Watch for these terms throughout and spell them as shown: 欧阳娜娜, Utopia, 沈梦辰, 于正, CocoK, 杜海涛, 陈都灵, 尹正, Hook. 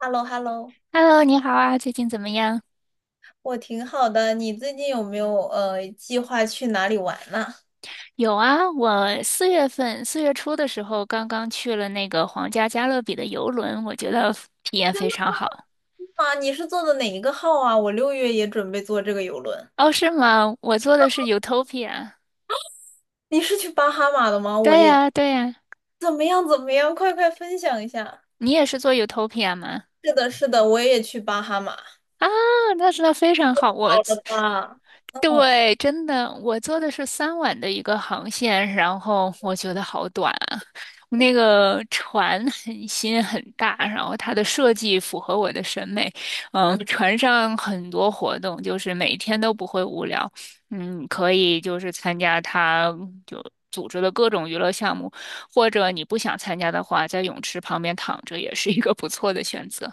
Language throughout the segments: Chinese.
h e l l o h e l l o Hello，你好啊，最近怎么样？我挺好的。你最近有没有计划去哪里玩呢？有啊，我四月份4月初的时候刚刚去了那个皇家加勒比的游轮，我觉得体验非常好。啊，你是坐的哪一个号啊？我六月也准备坐这个游轮。哦，是吗？我坐的是 Utopia。你是去巴哈马的吗？我对也呀，对呀，怎么样怎么样？快快分享一下。你也是坐 Utopia 吗？是的，是的，我也去巴哈马。啊，那真的非常好，我。好的吧？对，真的，我坐的是3晚的一个航线，然后我觉得好短啊。那个船很新很大，然后它的设计符合我的审美。船上很多活动，就是每天都不会无聊。可以就是参加它就组织的各种娱乐项目，或者你不想参加的话，在泳池旁边躺着也是一个不错的选择。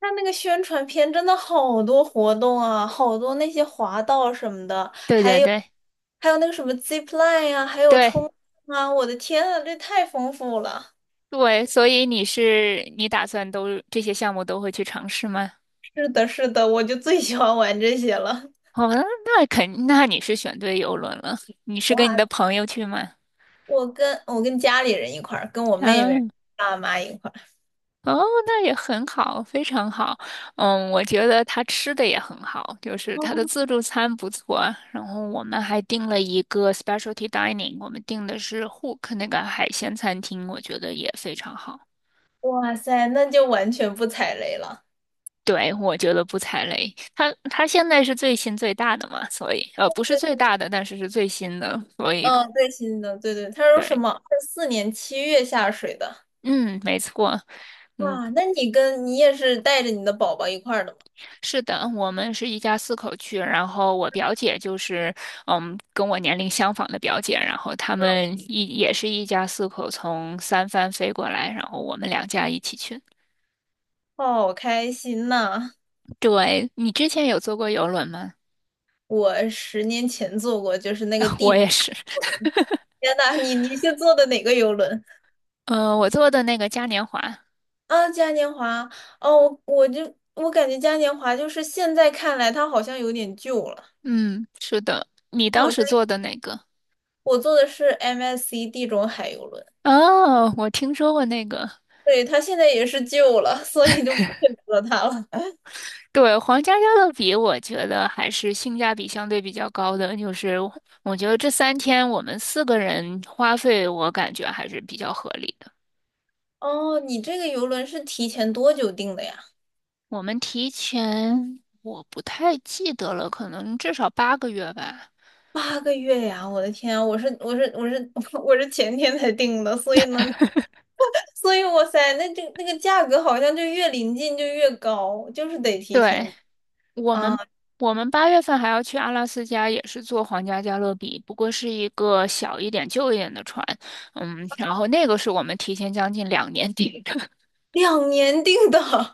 看那个宣传片，真的好多活动啊，好多那些滑道什么的，对还对有对还有那个什么 zip line 呀，还有对。冲浪啊，我的天啊，这太丰富了。对，所以你打算这些项目都会去尝试吗？是的，是的，我就最喜欢玩这些了。哦，那你是选对游轮了。你是跟你哇，的朋友去吗？我跟家里人一块儿，跟我妹妹、嗯，爸妈一块儿。哦，那也很好，非常好。我觉得他吃的也很好，就是他的自助餐不错啊。然后我们还订了一个 specialty dining，我们订的是 Hook 那个海鲜餐厅，我觉得也非常好。哇塞，那就完全不踩雷了。对，我觉得不踩雷。它现在是最新最大的嘛，所以不是最大的，但是是最新的，所以嗯，最新的，对对，他说什对，么24年7月下水的。嗯，没错，嗯，哇，那你跟你也是带着你的宝宝一块儿的吗？是的，我们是一家四口去，然后我表姐就是跟我年龄相仿的表姐，然后他嗯们一也是一家四口从三藩飞过来，然后我们两家一起去。好开心呐！对，你之前有坐过游轮吗？我10年前坐过，就是那个 地我质也是，游轮，天呐，你是坐的哪个游轮？嗯，我坐的那个嘉年华，啊，嘉年华，哦，我感觉嘉年华就是现在看来它好像有点旧了，嗯，是的，你它当好像时坐的哪个？我坐的是 MSC 地中海游轮，哦，我听说过那个，对，它现在也是旧了，所以就不选择它了。对，皇家加勒比，我觉得还是性价比相对比较高的。就是我觉得这3天我们4个人花费，我感觉还是比较合理的。哦，你这个游轮是提前多久订的呀？我们提前，我不太记得了，可能至少8个月吧。8个月呀！我的天啊我是我是我是 我是前天才订的，所以呢，所以哇塞，那这那个价格好像就越临近就越高，就是得提对，前我啊，们，我们八月份还要去阿拉斯加，也是坐皇家加勒比，不过是一个小一点、旧一点的船。然后那个是我们提前将近2年 订的。2年订的，好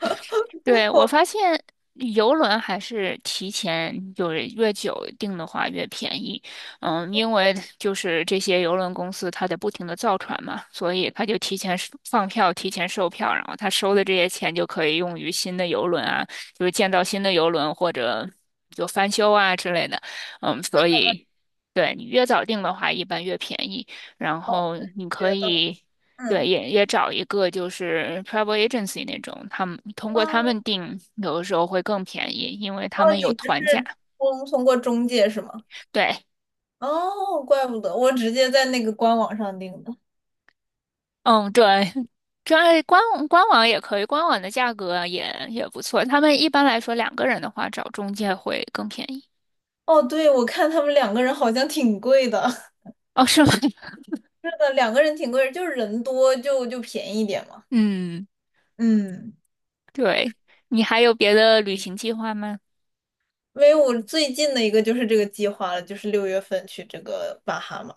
对，我发现游轮还是提前就是越久订的话越便宜，因为就是这些游轮公司它得不停的造船嘛，所以它就提前收放票、提前售票，然后他收的这些钱就可以用于新的游轮啊，就是建造新的游轮或者就翻修啊之类的，所以对你越早订的话一般越便宜，然后你可觉得。以。对，嗯。也找一个就是 travel agency 那种，他们通过他哦们订，有的时候会更便宜，因为哦，他们你有们团价。是通过中介是吗？对，哦，怪不得我直接在那个官网上订的。嗯，对，这官官网也可以，官网的价格也不错。他们一般来说2个人的话，找中介会更便宜。哦，对，我看他们两个人好像挺贵的。哦，是吗？是的，两个人挺贵的，就是人多就便宜一点嘛。嗯，嗯，对。你还有别的旅行计划吗？因为我最近的一个就是这个计划了，就是6月份去这个巴哈马。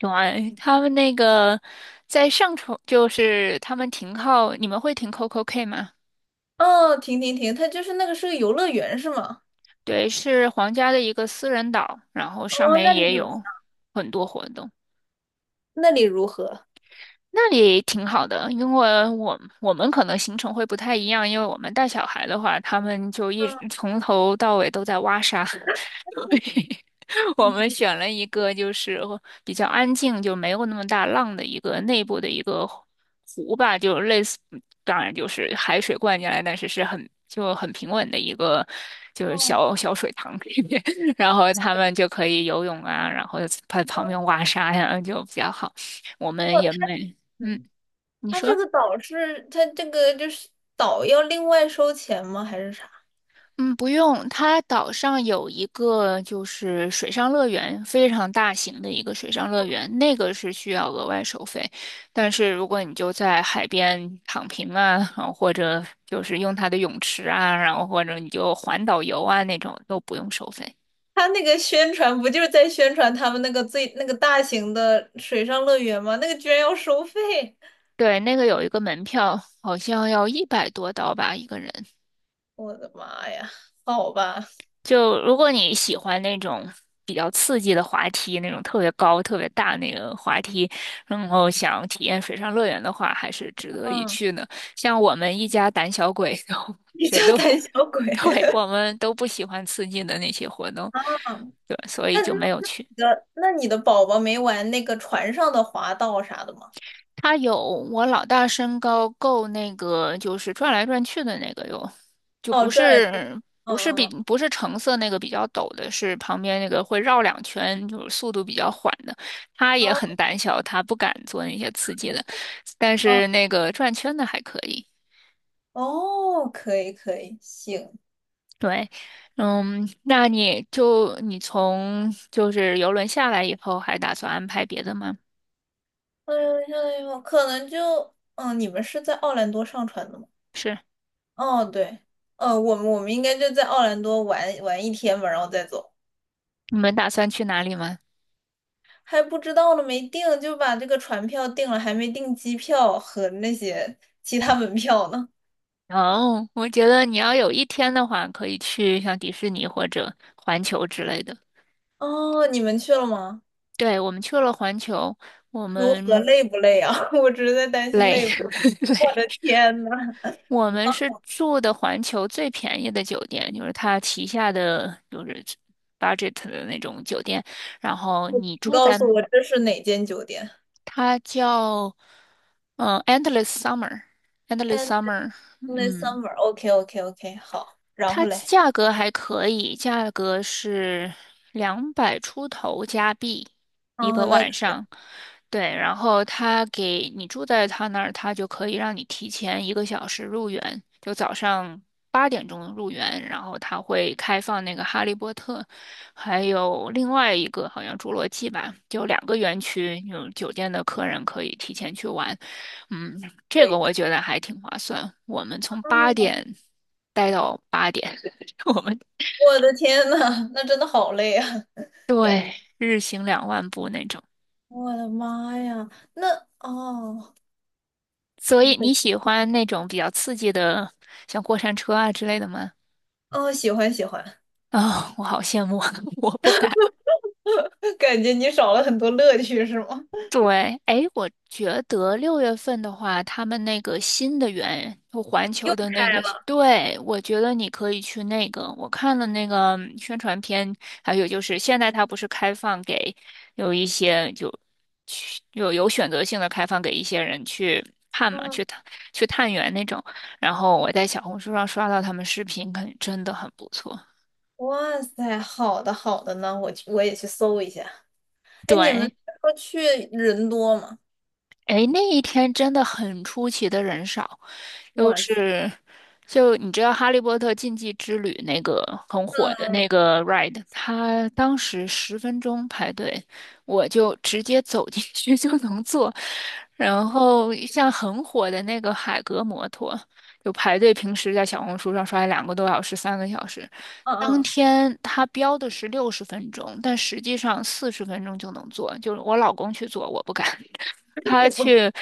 有啊，他们那个在上冲，就是他们停靠，你们会停 CocoK 吗？哦，停停停，它就是那个是个游乐园是吗？对，是皇家的一个私人岛，然后上哦，面那里也怎么有很多活动。那里如何？那里挺好的，因为我们可能行程会不太一样，因为我们带小孩的话，他们就一直嗯从头到尾都在挖沙，所以我嗯们选了一个就是比较安静，就没有那么大浪的一个内部的一个湖吧，就类似，当然就是海水灌进来，但是是很平稳的一个就是哦，小小水塘里面，然后他们就可以游泳啊，然后在旁边挖沙呀，就比较好。我们也没。嗯，嗯你他这说，个岛是，他这个就是岛要另外收钱吗？还是啥？嗯，不用，它岛上有一个就是水上乐园，非常大型的一个水上乐园，那个是需要额外收费。但是如果你就在海边躺平啊，然后或者就是用它的泳池啊，然后或者你就环岛游啊那种，都不用收费。他那个宣传不就是在宣传他们那个最那个大型的水上乐园吗？那个居然要收费，对，那个有一个门票，好像要100多刀吧，1个人。我的妈呀！好吧，就如果你喜欢那种比较刺激的滑梯，那种特别高、特别大那个滑梯，然后想体验水上乐园的话，还是值得一嗯，去呢。像我们一家胆小鬼都，你叫谁都，胆小 鬼。对，我们都不喜欢刺激的那些活动，嗯对，所以就没有去。你的宝宝没玩那个船上的滑道啥的吗？他有我老大身高够那个，就是转来转去的那个有，就哦，不转来转，是不嗯是比嗯不是橙色那个比较陡的，是旁边那个会绕2圈，就是速度比较缓的。他也嗯很胆小，他不敢做那些刺激的，但嗯，是那个转圈的还可以。哦，可以可以，行。对，嗯，那你从就是游轮下来以后，还打算安排别的吗？哎呦，哎呦，可能就，嗯，你们是在奥兰多上船的吗？是，哦，对，我们应该就在奥兰多玩玩1天吧，然后再走。你们打算去哪里吗？还不知道呢，没定，就把这个船票定了，还没订机票和那些其他门票呢。哦，我觉得你要有一天的话，可以去像迪士尼或者环球之类的。哦，你们去了吗？对，我们去了环球，我如何们累不累啊？我只是在担心累 累不。我累，的天呐，我们是住的环球最便宜的酒店，就是它旗下的就是 budget 的那种酒店。然后你你住告在诉我这是哪间酒店它叫Endless Summer，Endless ？At Summer，the 嗯，Summer。OK OK OK，好。然它后嘞，价格还可以，价格是200出头加币一哦，个那晚上。对，然后他给你住在他那儿，他就可以让你提前1个小时入园，就早上8点钟入园，然后他会开放那个《哈利波特》，还有另外一个好像《侏罗纪》吧，就两个园区，有酒店的客人可以提前去玩。嗯，这可以。个可以我觉得还挺划算。我们从八哦，点待到八点，我们我的天呐，那真的好累啊，感觉。对日行20000步那种。我的妈呀，那哦，所以你对，喜欢那种比较刺激的，像过山车啊之类的吗？哦，喜欢喜欢，啊、我好羡慕，我不敢。感觉你少了很多乐趣是吗？对，哎，我觉得6月份的话，他们那个新的园，就环 球又的那开个，了。对，我觉得你可以去那个。我看了那个宣传片，还有就是现在它不是开放给有一些就去有选择性的开放给一些人去看嘛，嗯去探园那种。然后我在小红书上刷到他们视频，感觉真的很不错。哇塞，好的好的呢，我去我也去搜一下。哎，你们对。说去人多吗？诶，那一天真的很出奇的人少，就哇塞，是，就你知道《哈利波特禁忌之旅》那个很火的那个 ride，它当时十分钟排队，我就直接走进去 就能坐。然后像很火的那个海格摩托，就排队平时在小红书上刷2个多小时、3个小时，嗯当嗯，天他标的是60分钟，但实际上40分钟就能坐，就是我老公去做，我不敢。他也不去，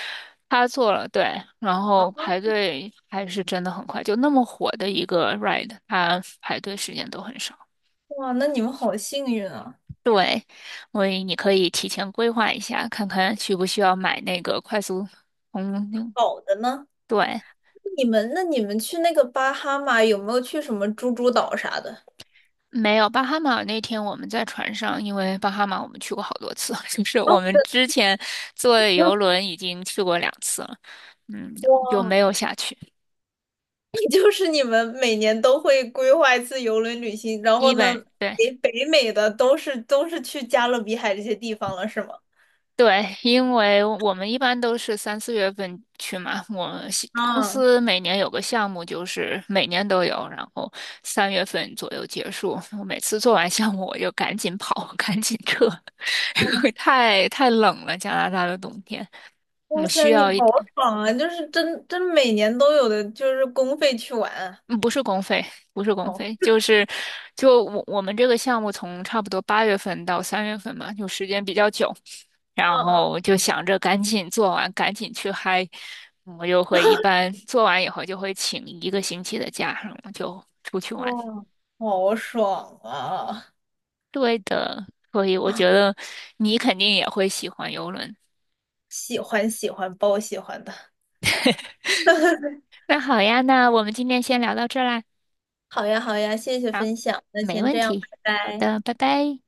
他做了，对，然后排队还是真的很快，就那么火的一个 ride，他排队时间都很少。哇，那你们好幸运啊！对，所以你可以提前规划一下，看看需不需要买那个快速通灵。好的呢，对，你们去那个巴哈马有没有去什么猪猪岛啥的？没有巴哈马那天我们在船上，因为巴哈马我们去过好多次，就是哦，我们之前坐游轮已经去过2次了，嗯，就哇！没有下去，就是你们每年都会规划一次游轮旅行，然后基呢，本对。北美的都是去加勒比海这些地方了，是吗？对，因为我们一般都是3、4月份去嘛。我西公啊，司每年有个项目，就是每年都有，然后三月份左右结束。我每次做完项目，我就赶紧跑，赶紧撤，哦，因为太冷了，加拿大的冬天，哇我塞，需你要好一点。爽啊！就是真每年都有的，就是公费去玩啊。嗯，不是公费，不是公哦，费，就是我们这个项目从差不多八月份到三月份嘛，就时间比较久，然嗯嗯，后就想着赶紧做完，赶紧去嗨，我就会一般做完以后就会请1个星期的假，然后就出去玩。哦，好爽啊！对的，所以我觉得你肯定也会喜欢游轮。喜欢喜欢，包喜欢的。那好呀，那我们今天先聊到这儿啦。好呀好呀，谢谢好，分享，那没先问这样，题。拜好拜。的，拜拜。